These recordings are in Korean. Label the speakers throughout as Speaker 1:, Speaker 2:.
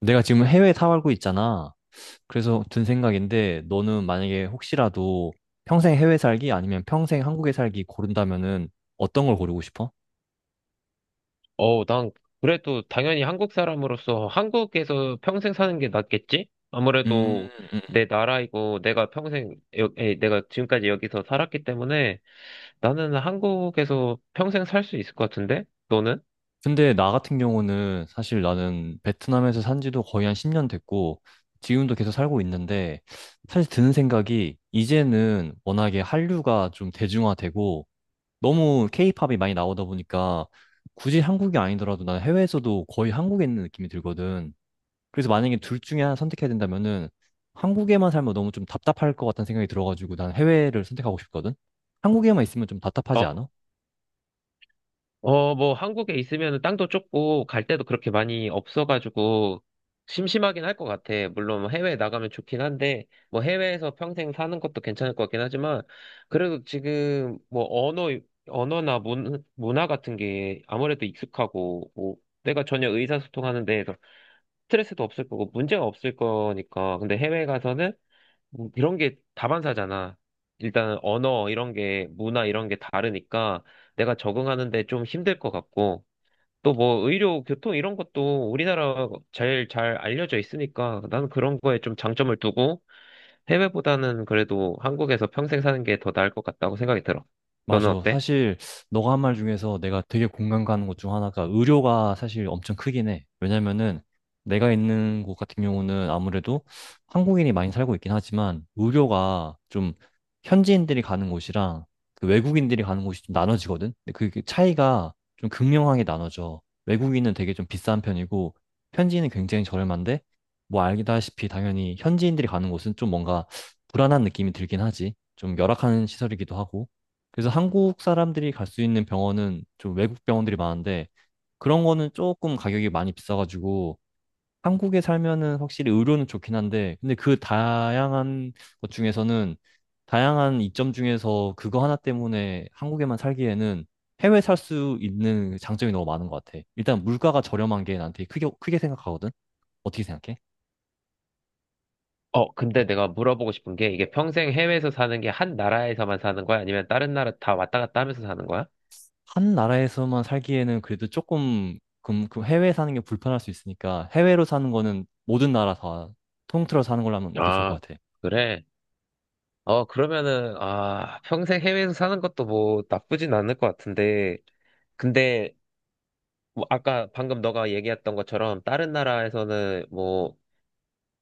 Speaker 1: 내가 지금 해외에 살고 있잖아. 그래서 든 생각인데, 너는 만약에 혹시라도 평생 해외 살기 아니면 평생 한국에 살기 고른다면은 어떤 걸 고르고 싶어?
Speaker 2: 난 그래도 당연히 한국 사람으로서 한국에서 평생 사는 게 낫겠지?
Speaker 1: 음,
Speaker 2: 아무래도
Speaker 1: 음.
Speaker 2: 내 나라이고 내가 평생, 내가 지금까지 여기서 살았기 때문에 나는 한국에서 평생 살 수 있을 것 같은데? 너는?
Speaker 1: 근데 나 같은 경우는 사실 나는 베트남에서 산 지도 거의 한 10년 됐고, 지금도 계속 살고 있는데, 사실 드는 생각이 이제는 워낙에 한류가 좀 대중화되고, 너무 케이팝이 많이 나오다 보니까, 굳이 한국이 아니더라도 난 해외에서도 거의 한국에 있는 느낌이 들거든. 그래서 만약에 둘 중에 하나 선택해야 된다면은 한국에만 살면 너무 좀 답답할 것 같다는 생각이 들어가지고 난 해외를 선택하고 싶거든? 한국에만 있으면 좀 답답하지 않아?
Speaker 2: 뭐, 한국에 있으면 땅도 좁고, 갈 데도 그렇게 많이 없어가지고, 심심하긴 할 것 같아. 물론, 뭐 해외에 나가면 좋긴 한데, 뭐, 해외에서 평생 사는 것도 괜찮을 것 같긴 하지만, 그래도 지금, 뭐, 언어나 문화 같은 게 아무래도 익숙하고, 뭐, 내가 전혀 의사소통하는 데에서 스트레스도 없을 거고, 문제가 없을 거니까. 근데 해외에 가서는 뭐 이런 게 다반사잖아. 일단은 언어 이런 게 문화 이런 게 다르니까 내가 적응하는데 좀 힘들 것 같고 또 뭐 의료 교통 이런 것도 우리나라 제일 잘 알려져 있으니까 나는 그런 거에 좀 장점을 두고 해외보다는 그래도 한국에서 평생 사는 게 더 나을 것 같다고 생각이 들어. 너는
Speaker 1: 맞아.
Speaker 2: 어때?
Speaker 1: 사실 너가 한 말 중에서 내가 되게 공감 가는 것 중 하나가 의료가 사실 엄청 크긴 해. 왜냐면은 내가 있는 곳 같은 경우는 아무래도 한국인이 많이 살고 있긴 하지만 의료가 좀 현지인들이 가는 곳이랑 그 외국인들이 가는 곳이 좀 나눠지거든. 근데 그게 차이가 좀 극명하게 나눠져. 외국인은 되게 좀 비싼 편이고 현지인은 굉장히 저렴한데 뭐 알다시피 당연히 현지인들이 가는 곳은 좀 뭔가 불안한 느낌이 들긴 하지. 좀 열악한 시설이기도 하고. 그래서 한국 사람들이 갈 수 있는 병원은 좀 외국 병원들이 많은데 그런 거는 조금 가격이 많이 비싸가지고 한국에 살면은 확실히 의료는 좋긴 한데 근데 그 다양한 것 중에서는 다양한 이점 중에서 그거 하나 때문에 한국에만 살기에는 해외 살 수 있는 장점이 너무 많은 것 같아. 일단 물가가 저렴한 게 나한테 크게 크게 생각하거든. 어떻게 생각해?
Speaker 2: 근데 내가 물어보고 싶은 게 이게 평생 해외에서 사는 게 한 나라에서만 사는 거야? 아니면 다른 나라 다 왔다 갔다 하면서 사는 거야?
Speaker 1: 한 나라에서만 살기에는 그래도 조금 그 해외에 사는 게 불편할 수 있으니까 해외로 사는 거는 모든 나라 다 통틀어 사는 걸로 하는 게 좋을
Speaker 2: 아,
Speaker 1: 것 같아.
Speaker 2: 그래. 그러면은, 아, 평생 해외에서 사는 것도 뭐 나쁘진 않을 것 같은데, 근데, 뭐 아까 방금 너가 얘기했던 것처럼, 다른 나라에서는 뭐,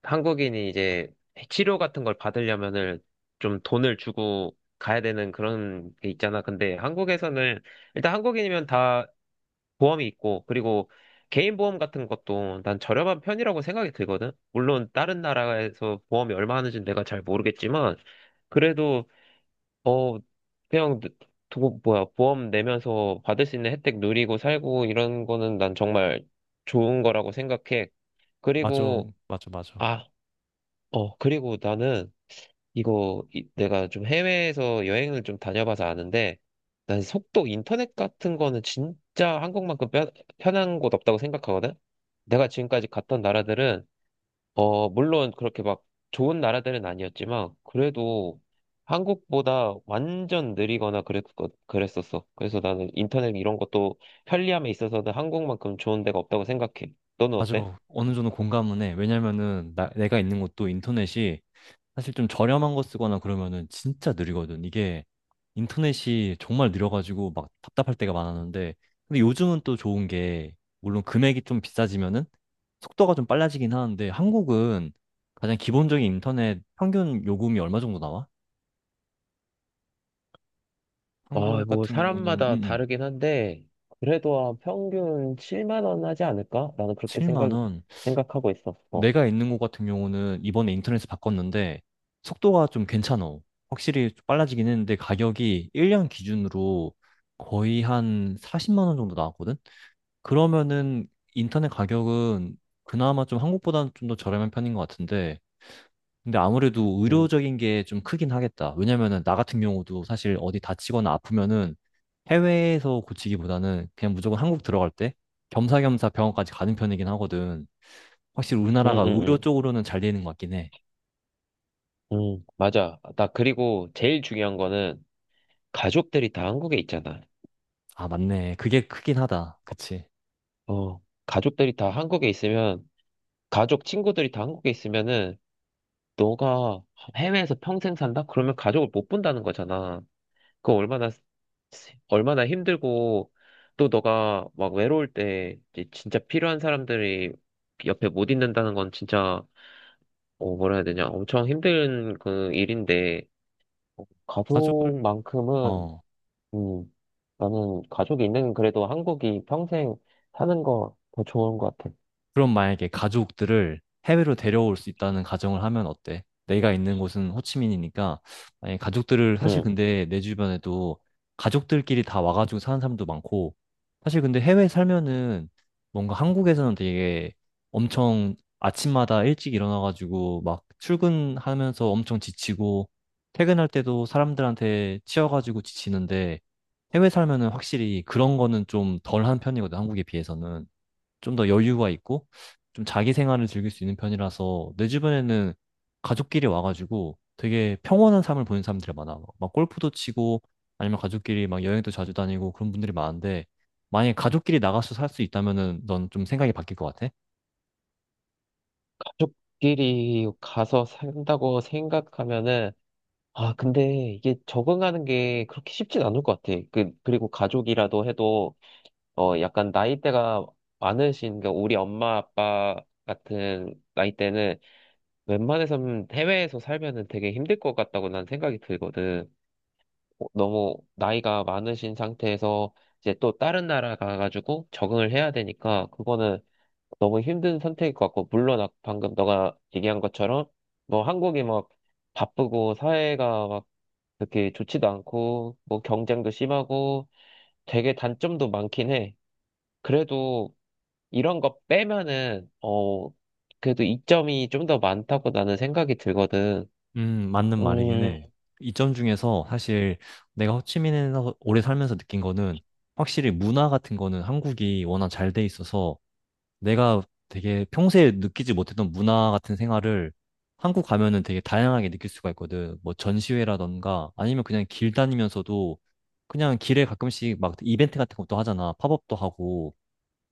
Speaker 2: 한국인이 이제 치료 같은 걸 받으려면은 좀 돈을 주고 가야 되는 그런 게 있잖아. 근데 한국에서는, 일단 한국인이면 다 보험이 있고, 그리고 개인 보험 같은 것도 난 저렴한 편이라고 생각이 들거든? 물론 다른 나라에서 보험이 얼마 하는지는 내가 잘 모르겠지만, 그래도 어, 그냥, 두고, 뭐야, 보험 내면서 받을 수 있는 혜택 누리고 살고 이런 거는 난 정말 좋은 거라고 생각해.
Speaker 1: 맞아,
Speaker 2: 그리고,
Speaker 1: 맞아, 맞아.
Speaker 2: 아, 그리고 나는 내가 좀 해외에서 여행을 좀 다녀봐서 아는데 난 속도 인터넷 같은 거는 진짜 한국만큼 편 편한 곳 없다고 생각하거든? 내가 지금까지 갔던 나라들은 물론 그렇게 막 좋은 나라들은 아니었지만, 그래도 한국보다 완전 느리거나 그랬었어. 그래서 나는 인터넷 이런 것도 편리함에 있어서는 한국만큼 좋은 데가 없다고 생각해. 너는
Speaker 1: 맞아.
Speaker 2: 어때?
Speaker 1: 어느 정도 공감은 해. 왜냐면은 내가 있는 곳도 인터넷이 사실 좀 저렴한 거 쓰거나 그러면은 진짜 느리거든. 이게 인터넷이 정말 느려가지고 막 답답할 때가 많았는데, 근데 요즘은 또 좋은 게, 물론 금액이 좀 비싸지면은 속도가 좀 빨라지긴 하는데, 한국은 가장 기본적인 인터넷 평균 요금이 얼마 정도 나와?
Speaker 2: 아
Speaker 1: 한국
Speaker 2: 뭐
Speaker 1: 같은 경우는
Speaker 2: 사람마다 다르긴 한데, 그래도 한 평균 7만 원 하지 않을까? 나는 그렇게
Speaker 1: 7만
Speaker 2: 생각,
Speaker 1: 원.
Speaker 2: 생각하고 있었어.
Speaker 1: 내가 있는 곳 같은 경우는 이번에 인터넷에 바꿨는데 속도가 좀 괜찮아. 확실히 좀 빨라지긴 했는데 가격이 1년 기준으로 거의 한 40만 원 정도 나왔거든? 그러면은 인터넷 가격은 그나마 좀 한국보다는 좀 더 저렴한 편인 것 같은데 근데 아무래도
Speaker 2: 음,
Speaker 1: 의료적인 게 좀 크긴 하겠다. 왜냐면은 나 같은 경우도 사실 어디 다치거나 아프면은 해외에서 고치기보다는 그냥 무조건 한국 들어갈 때 겸사겸사 병원까지 가는 편이긴 하거든. 확실히
Speaker 2: 음,
Speaker 1: 우리나라가 의료
Speaker 2: 음,
Speaker 1: 쪽으로는 잘 되는 것 같긴 해.
Speaker 2: 맞아. 나 그리고 제일 중요한 거는 가족들이 다 한국에 있잖아.
Speaker 1: 아, 맞네. 그게 크긴 하다. 그치.
Speaker 2: 어, 가족들이 다 한국에 있으면 가족 친구들이 다 한국에 있으면은 너가 해외에서 평생 산다? 그러면 가족을 못 본다는 거잖아. 그거 얼마나 힘들고 또 너가 막 외로울 때 이제 진짜 필요한 사람들이 옆에 못 있는다는 건 진짜 어, 뭐라 해야 되냐 엄청 힘든 그 일인데
Speaker 1: 가족을,
Speaker 2: 가족만큼은
Speaker 1: 어,
Speaker 2: 음 나는 가족이 있는 그래도 한국이 평생 사는 거 더 좋은 것 같아.
Speaker 1: 그럼 만약에 가족들을 해외로 데려올 수 있다는 가정을 하면 어때? 내가 있는 곳은 호치민이니까 만약에 가족들을 사실
Speaker 2: 음.
Speaker 1: 근데 내 주변에도 가족들끼리 다 와가지고 사는 사람도 많고 사실 근데 해외 살면은 뭔가 한국에서는 되게 엄청 아침마다 일찍 일어나가지고 막 출근하면서 엄청 지치고 퇴근할 때도 사람들한테 치여가지고 지치는데 해외 살면은 확실히 그런 거는 좀 덜한 편이거든 한국에 비해서는 좀 더 여유가 있고 좀 자기 생활을 즐길 수 있는 편이라서 내 주변에는 가족끼리 와가지고 되게 평온한 삶을 보는 사람들이 많아. 막 골프도 치고 아니면 가족끼리 막 여행도 자주 다니고 그런 분들이 많은데 만약에 가족끼리 나가서 살 수 있다면은 넌 좀 생각이 바뀔 것 같아?
Speaker 2: 가족끼리 가서 산다고 생각하면은, 아, 근데 이게 적응하는 게 그렇게 쉽진 않을 것 같아. 그, 그리고 가족이라도 해도, 약간 나이대가 많으신, 그 우리 엄마, 아빠 같은 나이대는 웬만해서는 해외에서 살면은 되게 힘들 것 같다고 난 생각이 들거든. 너무 나이가 많으신 상태에서 이제 또 다른 나라 가가지고 적응을 해야 되니까, 그거는 너무 힘든 선택일 것 같고, 물론 방금 너가 얘기한 것처럼, 뭐 한국이 막 바쁘고, 사회가 막 그렇게 좋지도 않고, 뭐 경쟁도 심하고, 되게 단점도 많긴 해. 그래도 이런 거 빼면은, 그래도 이점이 좀 더 많다고 나는 생각이 들거든.
Speaker 1: 맞는 말이긴
Speaker 2: 음,
Speaker 1: 해. 이점 중에서 사실 내가 호치민에서 오래 살면서 느낀 거는 확실히 문화 같은 거는 한국이 워낙 잘 돼 있어서 내가 되게 평소에 느끼지 못했던 문화 같은 생활을 한국 가면은 되게 다양하게 느낄 수가 있거든. 뭐 전시회라던가 아니면 그냥 길 다니면서도 그냥 길에 가끔씩 막 이벤트 같은 것도 하잖아. 팝업도 하고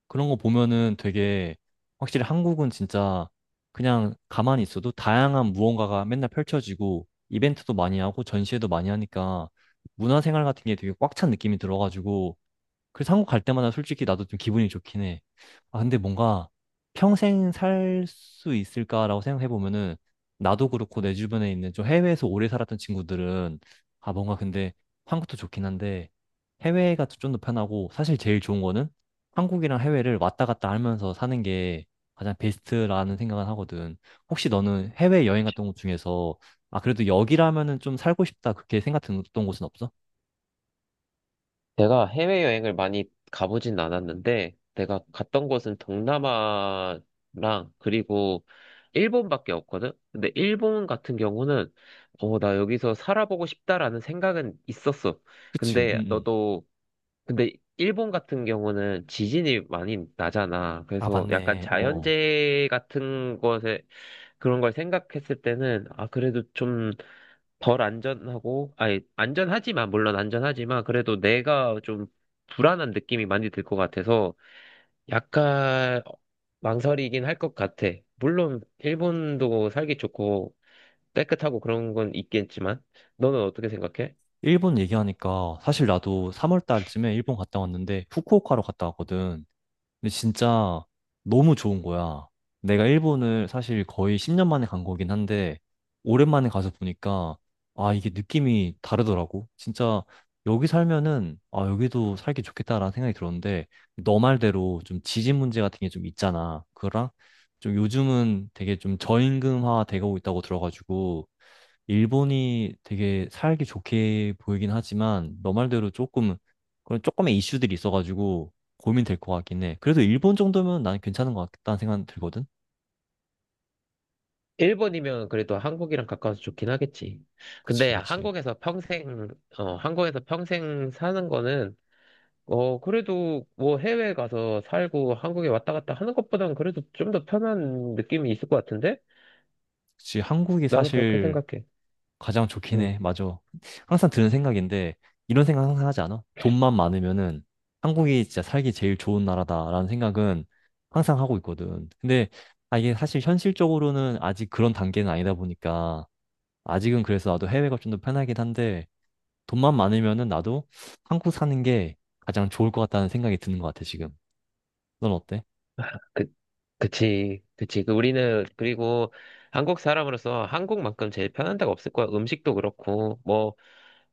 Speaker 1: 그런 거 보면은 되게 확실히 한국은 진짜 그냥 가만히 있어도 다양한 무언가가 맨날 펼쳐지고 이벤트도 많이 하고 전시회도 많이 하니까 문화 생활 같은 게 되게 꽉 찬 느낌이 들어가지고 그래서 한국 갈 때마다 솔직히 나도 좀 기분이 좋긴 해. 아, 근데 뭔가 평생 살 수 있을까라고 생각해 보면은 나도 그렇고 내 주변에 있는 좀 해외에서 오래 살았던 친구들은 아, 뭔가 근데 한국도 좋긴 한데 해외가 좀 더 편하고 사실 제일 좋은 거는 한국이랑 해외를 왔다 갔다 하면서 사는 게 가장 베스트라는 생각은 하거든. 혹시 너는 해외 여행 갔던 곳 중에서 아, 그래도 여기라면은 좀 살고 싶다 그렇게 생각했던 곳은 없어?
Speaker 2: 내가 해외여행을 많이 가보진 않았는데, 내가 갔던 곳은 동남아랑 그리고 일본밖에 없거든? 근데 일본 같은 경우는, 나 여기서 살아보고 싶다라는 생각은 있었어.
Speaker 1: 그치, 응,
Speaker 2: 근데
Speaker 1: 응.
Speaker 2: 너도 근데 일본 같은 경우는 지진이 많이 나잖아.
Speaker 1: 아,
Speaker 2: 그래서 약간
Speaker 1: 맞네. 어. 어.
Speaker 2: 자연재해 같은 것에 그런 걸 생각했을 때는 아 그래도 좀 덜 안전하고 아니 안전하지만 물론 안전하지만 그래도 내가 좀 불안한 느낌이 많이 들 것 같아서 약간 망설이긴 할 것 같아. 물론 일본도 살기 좋고 깨끗하고 그런 건 있겠지만 너는 어떻게 생각해?
Speaker 1: 일본 얘기하니까 사실 나도 3월 달쯤에 일본 갔다 왔는데 후쿠오카로 갔다 왔거든. 근데 진짜 너무 좋은 거야. 내가 일본을 사실 거의 10년 만에 간 거긴 한데 오랜만에 가서 보니까 아, 이게 느낌이 다르더라고. 진짜 여기 살면은 아, 여기도 살기 좋겠다라는 생각이 들었는데 너 말대로 좀 지진 문제 같은 게 좀 있잖아. 그거랑 좀 요즘은 되게 좀 저임금화 되고 있다고 들어가지고 일본이 되게 살기 좋게 보이긴 하지만 너 말대로 조금 그런 조금의 이슈들이 있어가지고 고민될 것 같긴 해. 그래도 일본 정도면 난 괜찮은 것 같다는 생각 들거든.
Speaker 2: 일본이면 그래도 한국이랑 가까워서 좋긴 하겠지.
Speaker 1: 그치,
Speaker 2: 근데
Speaker 1: 그치.
Speaker 2: 한국에서 평생 사는 거는, 그래도 뭐 해외 가서 살고 한국에 왔다 갔다 하는 것보단 그래도 좀 더 편한 느낌이 있을 것 같은데?
Speaker 1: 그치, 한국이
Speaker 2: 나는 그렇게
Speaker 1: 사실
Speaker 2: 생각해.
Speaker 1: 가장 좋긴
Speaker 2: 응.
Speaker 1: 해. 맞아. 항상 드는 생각인데 이런 생각 항상 하지 않아? 돈만 많으면은 한국이 진짜 살기 제일 좋은 나라다라는 생각은 항상 하고 있거든. 근데 아, 이게 사실 현실적으로는 아직 그런 단계는 아니다 보니까 아직은 그래서 나도 해외가 좀 더 편하긴 한데 돈만 많으면은 나도 한국 사는 게 가장 좋을 것 같다는 생각이 드는 것 같아, 지금. 넌 어때?
Speaker 2: 그, 그치. 그 우리는, 그리고 한국 사람으로서 한국만큼 제일 편한 데가 없을 거야. 음식도 그렇고, 뭐,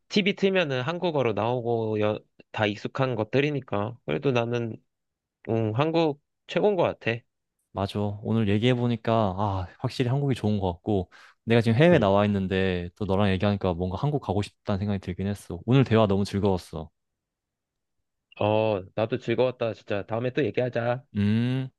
Speaker 2: TV 틀면은 한국어로 나오고, 여, 다 익숙한 것들이니까. 그래도 나는 응, 한국 최고인 것 같아.
Speaker 1: 맞아. 오늘 얘기해보니까, 아, 확실히 한국이 좋은 것 같고, 내가 지금 해외에
Speaker 2: 응.
Speaker 1: 나와 있는데, 또 너랑 얘기하니까 뭔가 한국 가고 싶다는 생각이 들긴 했어. 오늘 대화 너무 즐거웠어.
Speaker 2: 나도 즐거웠다. 진짜 다음에 또 얘기하자.
Speaker 1: 음.